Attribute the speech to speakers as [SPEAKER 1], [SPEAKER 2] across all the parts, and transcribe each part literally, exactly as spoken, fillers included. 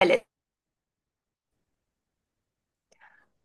[SPEAKER 1] Alex.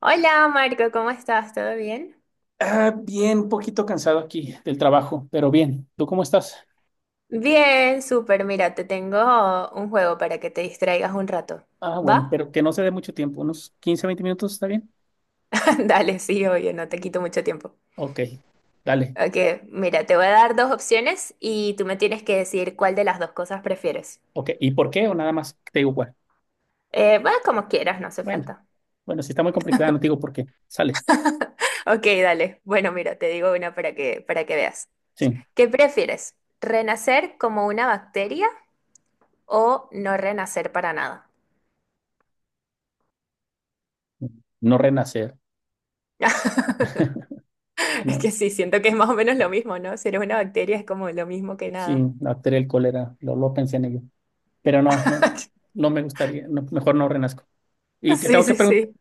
[SPEAKER 1] Hola Marco, ¿cómo estás? ¿Todo bien?
[SPEAKER 2] Ah, bien, un poquito cansado aquí del trabajo, pero bien. ¿Tú cómo estás?
[SPEAKER 1] Bien, súper. Mira, te tengo un juego para que te distraigas un rato.
[SPEAKER 2] Ah, bueno,
[SPEAKER 1] ¿Va?
[SPEAKER 2] pero que no se dé mucho tiempo, unos quince veinte minutos, ¿está bien?
[SPEAKER 1] Dale, sí, oye, no te quito mucho tiempo.
[SPEAKER 2] Ok, dale.
[SPEAKER 1] Ok, mira, te voy a dar dos opciones y tú me tienes que decir cuál de las dos cosas prefieres.
[SPEAKER 2] Ok, ¿y por qué? O nada más te digo, bueno,
[SPEAKER 1] Eh, va como quieras, no hace
[SPEAKER 2] bueno,
[SPEAKER 1] falta.
[SPEAKER 2] bueno, si está muy complicada, no te digo por qué. Sale,
[SPEAKER 1] Ok, dale. Bueno, mira, te digo una para que, para que veas.
[SPEAKER 2] sí,
[SPEAKER 1] ¿Qué prefieres? ¿Renacer como una bacteria o no renacer para nada?
[SPEAKER 2] no renacer,
[SPEAKER 1] Es que
[SPEAKER 2] no,
[SPEAKER 1] sí, siento que es más o menos lo mismo, ¿no? Si eres una bacteria es como lo mismo que
[SPEAKER 2] sí,
[SPEAKER 1] nada.
[SPEAKER 2] la bacteria del cólera, lo, lo pensé en ello, pero no, no, no me gustaría, no, mejor no renazco. ¿Y te
[SPEAKER 1] Sí,
[SPEAKER 2] tengo que
[SPEAKER 1] sí,
[SPEAKER 2] preguntar,
[SPEAKER 1] sí.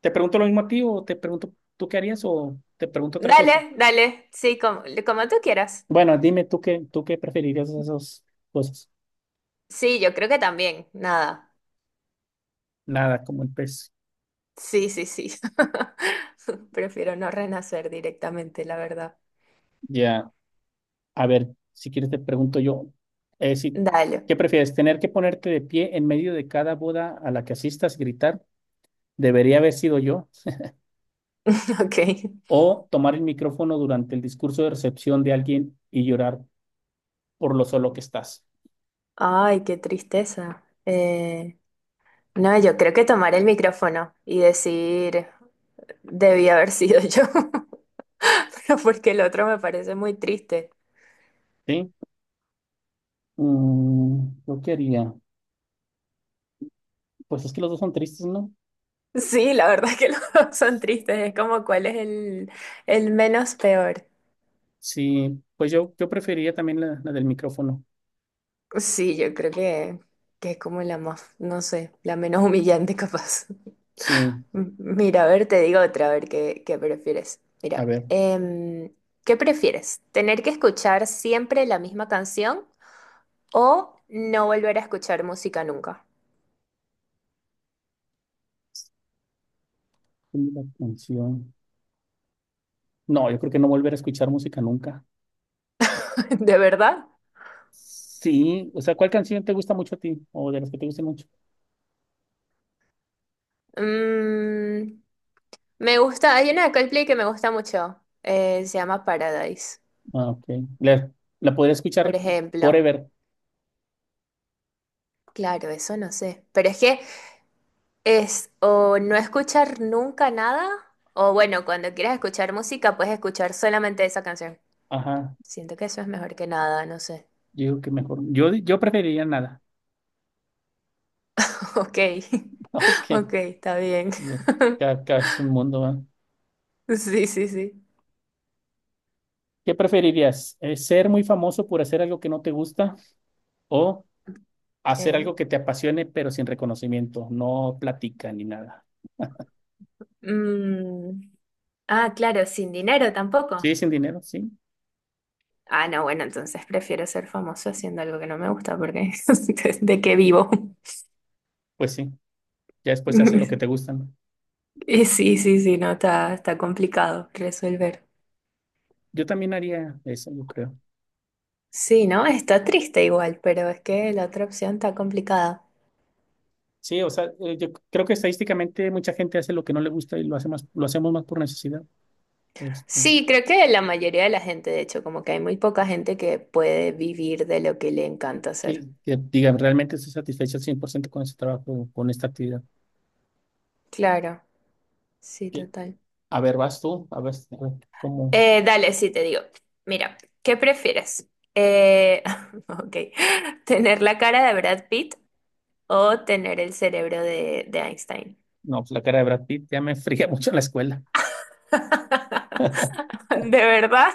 [SPEAKER 2] te pregunto lo mismo a ti o te pregunto tú qué harías o te pregunto otra cosa?
[SPEAKER 1] Dale, dale. Sí, como, como tú quieras.
[SPEAKER 2] Bueno, dime tú qué, tú qué preferirías de esas cosas.
[SPEAKER 1] Sí, yo creo que también. Nada.
[SPEAKER 2] Nada, como el pez.
[SPEAKER 1] Sí, sí, sí. Prefiero no renacer directamente, la verdad.
[SPEAKER 2] Ya, a ver, si quieres te pregunto yo, eh, si-
[SPEAKER 1] Dale.
[SPEAKER 2] ¿qué prefieres? ¿Tener que ponerte de pie en medio de cada boda a la que asistas, gritar, debería haber sido yo?
[SPEAKER 1] Ok.
[SPEAKER 2] ¿O tomar el micrófono durante el discurso de recepción de alguien y llorar por lo solo que estás?
[SPEAKER 1] Ay, qué tristeza. Eh, no, yo creo que tomar el micrófono y decir, debí haber sido yo, pero porque el otro me parece muy triste.
[SPEAKER 2] ¿Sí? Mm, ¿yo qué haría? Pues es que los dos son tristes, ¿no?
[SPEAKER 1] Sí, la verdad es que los dos son tristes. Es como cuál es el, el menos peor.
[SPEAKER 2] Sí, pues yo, yo preferiría también la, la del micrófono.
[SPEAKER 1] Sí, yo creo que, que es como la más, no sé, la menos humillante capaz.
[SPEAKER 2] Sí,
[SPEAKER 1] M- Mira, a ver, te digo otra, a ver qué, qué prefieres.
[SPEAKER 2] a
[SPEAKER 1] Mira,
[SPEAKER 2] ver,
[SPEAKER 1] em, ¿qué prefieres? ¿Tener que escuchar siempre la misma canción o no volver a escuchar música nunca?
[SPEAKER 2] ponme la canción. No, yo creo que no volver a escuchar música nunca.
[SPEAKER 1] ¿De verdad?
[SPEAKER 2] Sí, o sea, ¿cuál canción te gusta mucho a ti? O de las que te gusten mucho.
[SPEAKER 1] Mm, Me gusta, hay una de Coldplay que me gusta mucho. Eh, se llama Paradise,
[SPEAKER 2] Ah, ok. La, la podría
[SPEAKER 1] por
[SPEAKER 2] escuchar
[SPEAKER 1] ejemplo.
[SPEAKER 2] forever.
[SPEAKER 1] Claro, eso no sé. Pero es que es o no escuchar nunca nada, o bueno, cuando quieras escuchar música, puedes escuchar solamente esa canción.
[SPEAKER 2] Ajá.
[SPEAKER 1] Siento que eso es mejor que nada, no sé.
[SPEAKER 2] Yo digo que mejor. Yo, yo preferiría nada.
[SPEAKER 1] Ok,
[SPEAKER 2] Ok.
[SPEAKER 1] ok, está bien.
[SPEAKER 2] Dios. Cada, cada es un mundo, ¿va?
[SPEAKER 1] Sí, sí, sí.
[SPEAKER 2] ¿Qué preferirías? Eh, ¿Ser muy famoso por hacer algo que no te gusta o hacer
[SPEAKER 1] Ok.
[SPEAKER 2] algo que te apasione pero sin reconocimiento? No platica ni nada.
[SPEAKER 1] Mm. Ah, claro, sin dinero tampoco.
[SPEAKER 2] ¿Sí? ¿Sin dinero? Sí.
[SPEAKER 1] Ah, no, bueno, entonces prefiero ser famoso haciendo algo que no me gusta porque ¿de qué vivo?
[SPEAKER 2] Pues sí. Ya después haces lo que te gusta, ¿no?
[SPEAKER 1] Y sí, sí, sí, no, está, está complicado resolver.
[SPEAKER 2] Yo también haría eso, yo creo.
[SPEAKER 1] Sí, ¿no? Está triste igual, pero es que la otra opción está complicada.
[SPEAKER 2] Sí, o sea, eh, yo creo que estadísticamente mucha gente hace lo que no le gusta y lo hace más, lo hacemos más por necesidad. Este,
[SPEAKER 1] Sí, creo que la mayoría de la gente, de hecho, como que hay muy poca gente que puede vivir de lo que le encanta
[SPEAKER 2] que,
[SPEAKER 1] hacer.
[SPEAKER 2] que digan, realmente estoy satisfecho al cien por ciento con ese trabajo, con esta actividad.
[SPEAKER 1] Claro, sí,
[SPEAKER 2] Que,
[SPEAKER 1] total.
[SPEAKER 2] a ver, vas tú, a ver, a ver, cómo.
[SPEAKER 1] Eh, dale, sí, te digo. Mira, ¿qué prefieres? Eh, ok, ¿tener la cara de Brad Pitt o tener el cerebro de, de Einstein?
[SPEAKER 2] No, pues la cara de Brad Pitt ya me fría mucho en la escuela.
[SPEAKER 1] De verdad,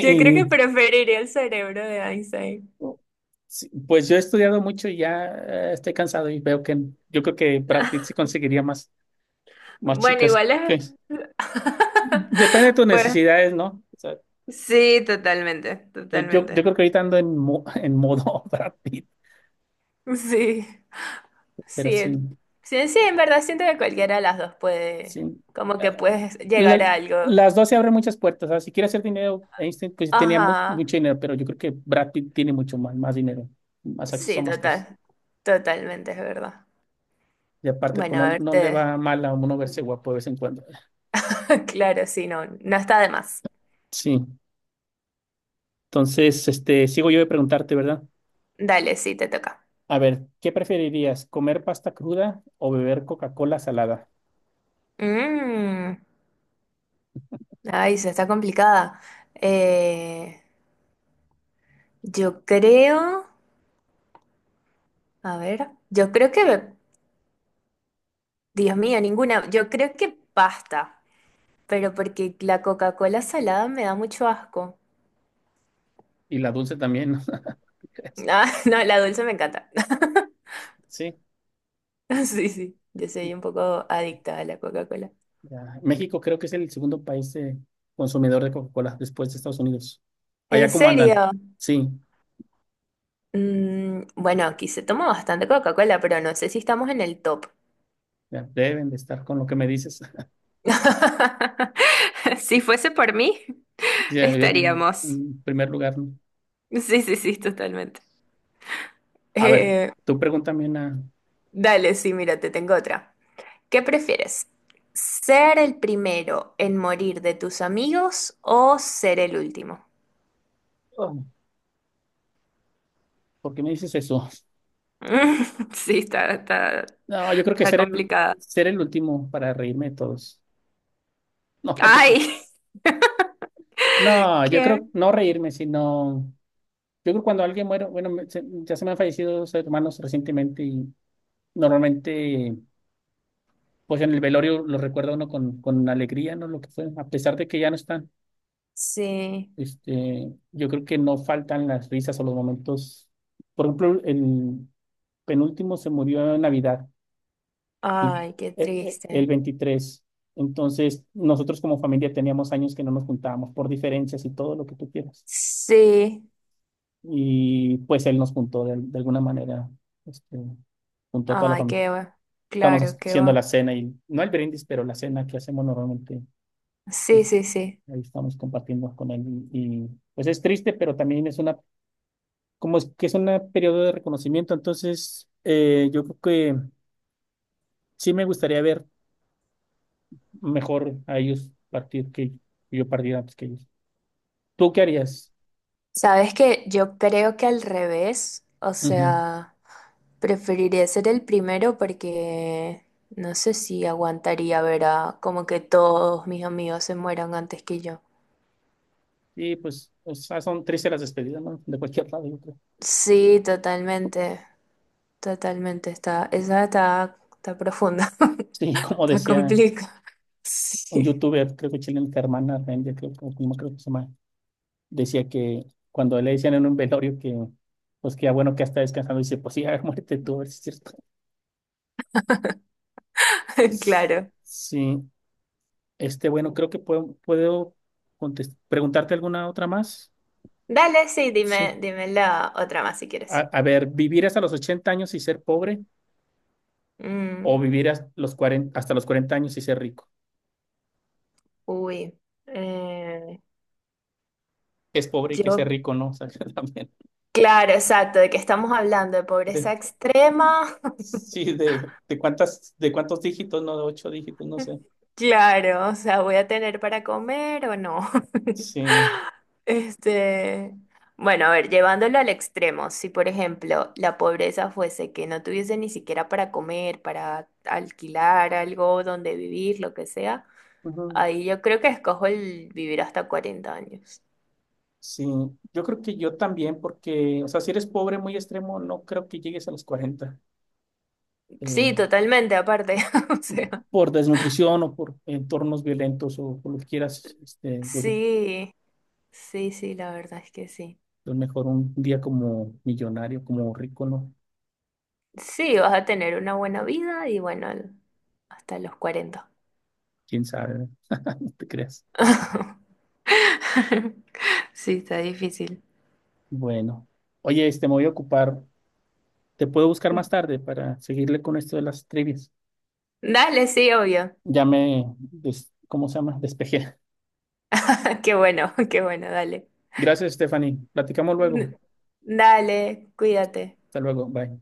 [SPEAKER 1] yo creo que preferiría el cerebro de Einstein.
[SPEAKER 2] sí, pues yo he estudiado mucho y ya eh, estoy cansado y veo que yo creo que Brad Pitt sí conseguiría más, más
[SPEAKER 1] Bueno,
[SPEAKER 2] chicas.
[SPEAKER 1] igual es.
[SPEAKER 2] que- Depende de tus
[SPEAKER 1] Pues
[SPEAKER 2] necesidades, ¿no? O sea,
[SPEAKER 1] sí, totalmente,
[SPEAKER 2] no, Yo, yo
[SPEAKER 1] totalmente.
[SPEAKER 2] creo que ahorita ando en, mo- en modo Brad Pitt,
[SPEAKER 1] Sí,
[SPEAKER 2] pero
[SPEAKER 1] sí, en-
[SPEAKER 2] sin,
[SPEAKER 1] sí, sí, en verdad siento que cualquiera de las dos puede,
[SPEAKER 2] sin,
[SPEAKER 1] como
[SPEAKER 2] eh,
[SPEAKER 1] que puedes llegar
[SPEAKER 2] la-
[SPEAKER 1] a algo.
[SPEAKER 2] las dos se abren muchas puertas. ¿Sabes? Si quiere hacer dinero, Einstein pues tenía mu-
[SPEAKER 1] Ajá,
[SPEAKER 2] mucho dinero, pero yo creo que Brad Pitt tiene mucho más, más dinero, más acceso a
[SPEAKER 1] sí,
[SPEAKER 2] más cosas.
[SPEAKER 1] total, totalmente, es verdad.
[SPEAKER 2] Y aparte, pues
[SPEAKER 1] Bueno,
[SPEAKER 2] no,
[SPEAKER 1] a
[SPEAKER 2] no le
[SPEAKER 1] verte,
[SPEAKER 2] va mal a uno verse guapo de vez en cuando.
[SPEAKER 1] claro, sí, no, no está de más.
[SPEAKER 2] Sí. Entonces, este, sigo yo de preguntarte, ¿verdad?
[SPEAKER 1] Dale, sí, te toca.
[SPEAKER 2] A ver, ¿qué preferirías? ¿Comer pasta cruda o beber Coca-Cola salada?
[SPEAKER 1] Mm, ay, se está complicada. Eh, yo creo, a ver, yo creo que Dios mío, ninguna. Yo creo que pasta, pero porque la Coca-Cola salada me da mucho asco.
[SPEAKER 2] Y la dulce también. ¿no?
[SPEAKER 1] Ah, no, la dulce me encanta.
[SPEAKER 2] Sí,
[SPEAKER 1] Sí, sí, yo soy un poco adicta a la Coca-Cola.
[SPEAKER 2] ya. México creo que es el segundo país eh, consumidor de Coca-Cola después de Estados Unidos. Allá
[SPEAKER 1] ¿En
[SPEAKER 2] cómo andan.
[SPEAKER 1] serio?
[SPEAKER 2] Sí,
[SPEAKER 1] Mm, bueno, aquí se toma bastante Coca-Cola, pero no sé si estamos en el top.
[SPEAKER 2] ya, deben de estar con lo que me dices.
[SPEAKER 1] Si fuese por mí,
[SPEAKER 2] Ya, En,
[SPEAKER 1] estaríamos.
[SPEAKER 2] en primer lugar, ¿no?
[SPEAKER 1] Sí, sí, sí, totalmente.
[SPEAKER 2] A ver,
[SPEAKER 1] Eh,
[SPEAKER 2] tú pregúntame una.
[SPEAKER 1] Dale, sí, mira, te tengo otra. ¿Qué prefieres? ¿Ser el primero en morir de tus amigos o ser el último?
[SPEAKER 2] Oh, ¿por qué me dices eso?
[SPEAKER 1] Sí, está, está,
[SPEAKER 2] No, yo creo que
[SPEAKER 1] está
[SPEAKER 2] ser el,
[SPEAKER 1] complicada.
[SPEAKER 2] ser el último para reírme de todos. No, no te creo.
[SPEAKER 1] ¡Ay!
[SPEAKER 2] No, yo
[SPEAKER 1] ¿Qué?
[SPEAKER 2] creo no reírme, sino. Yo creo cuando alguien muere, bueno, me- se- ya se me han fallecido dos hermanos recientemente y normalmente. Pues en el velorio lo recuerda uno con, con alegría, ¿no? Lo que fue, a pesar de que ya no están,
[SPEAKER 1] Sí.
[SPEAKER 2] este, yo creo que no faltan las risas o los momentos. Por ejemplo, el penúltimo se murió en Navidad, el,
[SPEAKER 1] Ay, qué
[SPEAKER 2] eh, eh, el
[SPEAKER 1] triste.
[SPEAKER 2] veintitrés. Entonces, nosotros como familia teníamos años que no nos juntábamos por diferencias y todo lo que tú quieras.
[SPEAKER 1] Sí.
[SPEAKER 2] Y pues él nos juntó de, de alguna manera, este, juntó a toda la
[SPEAKER 1] Ay,
[SPEAKER 2] familia.
[SPEAKER 1] qué va.
[SPEAKER 2] Estamos
[SPEAKER 1] Claro, qué
[SPEAKER 2] haciendo la
[SPEAKER 1] va.
[SPEAKER 2] cena y no el brindis, pero la cena que hacemos normalmente
[SPEAKER 1] Sí,
[SPEAKER 2] este,
[SPEAKER 1] sí, sí.
[SPEAKER 2] ahí estamos compartiendo con él y, y, pues es triste, pero también es una, como es que es un periodo de reconocimiento, entonces eh, yo creo que sí me gustaría ver mejor a ellos partir que que yo partiera antes que ellos. ¿Tú qué harías?
[SPEAKER 1] Sabes que yo creo que al revés, o
[SPEAKER 2] Ujú.
[SPEAKER 1] sea, preferiría ser el primero porque no sé si aguantaría ver a como que todos mis amigos se mueran antes que yo.
[SPEAKER 2] Y pues, o sea, son tristes las despedidas, ¿no? De cualquier lado, yo creo.
[SPEAKER 1] Sí, totalmente, totalmente, está, esa está, está profunda,
[SPEAKER 2] Sí, como
[SPEAKER 1] está
[SPEAKER 2] decía
[SPEAKER 1] complicada.
[SPEAKER 2] un
[SPEAKER 1] Sí,
[SPEAKER 2] youtuber, creo que chileno, que hermana Rendia, creo, que- como creo que se llama, decía que cuando le decían en un velorio que, pues que ya bueno que ya está descansando, dice, pues sí, a ver, muérete tú, a ver si es cierto. S-
[SPEAKER 1] claro.
[SPEAKER 2] Sí, este, bueno, creo que puedo, puedo contes- preguntarte alguna otra más.
[SPEAKER 1] Dale, sí,
[SPEAKER 2] Sí.
[SPEAKER 1] dime, dime la otra más si
[SPEAKER 2] A,
[SPEAKER 1] quieres.
[SPEAKER 2] a ver, ¿vivir hasta los ochenta años y ser pobre o
[SPEAKER 1] Mm,
[SPEAKER 2] vivir hasta los cuarenta hasta los cuarenta años y ser rico?
[SPEAKER 1] uy, eh,
[SPEAKER 2] Que es pobre y que ser
[SPEAKER 1] yo
[SPEAKER 2] rico, ¿no? O sea, también.
[SPEAKER 1] claro, exacto, de que estamos hablando de pobreza
[SPEAKER 2] de-
[SPEAKER 1] extrema.
[SPEAKER 2] sí, de, de cuántas, de cuántos dígitos, no, de ocho dígitos, no sé.
[SPEAKER 1] Claro, o sea, ¿voy a tener para comer o no?
[SPEAKER 2] Sí.
[SPEAKER 1] Este, bueno, a ver, llevándolo al extremo, si por ejemplo la pobreza fuese que no tuviese ni siquiera para comer, para alquilar algo donde vivir, lo que sea,
[SPEAKER 2] Ujú.
[SPEAKER 1] ahí yo creo que escojo el vivir hasta cuarenta años.
[SPEAKER 2] Sí, yo creo que yo también, porque, o sea, si eres pobre muy extremo, no creo que llegues a los cuarenta. Eh,
[SPEAKER 1] Sí, totalmente, aparte, o sea,
[SPEAKER 2] por desnutrición o por entornos violentos o por lo que quieras, este, yo creo
[SPEAKER 1] sí, sí, sí, la verdad es que sí.
[SPEAKER 2] que es mejor un día como millonario, como rico, ¿no?
[SPEAKER 1] Sí, vas a tener una buena vida y bueno, el- hasta los cuarenta.
[SPEAKER 2] Quién sabe, no te creas.
[SPEAKER 1] Sí, está difícil.
[SPEAKER 2] Bueno, oye, este, me voy a ocupar. Te puedo buscar más tarde para seguirle con esto de las trivias.
[SPEAKER 1] Dale, sí, obvio.
[SPEAKER 2] Ya me, des- ¿cómo se llama? Despejé.
[SPEAKER 1] Qué bueno, qué bueno, dale.
[SPEAKER 2] Gracias, Stephanie. Platicamos luego.
[SPEAKER 1] Dale, cuídate.
[SPEAKER 2] Hasta luego. Bye.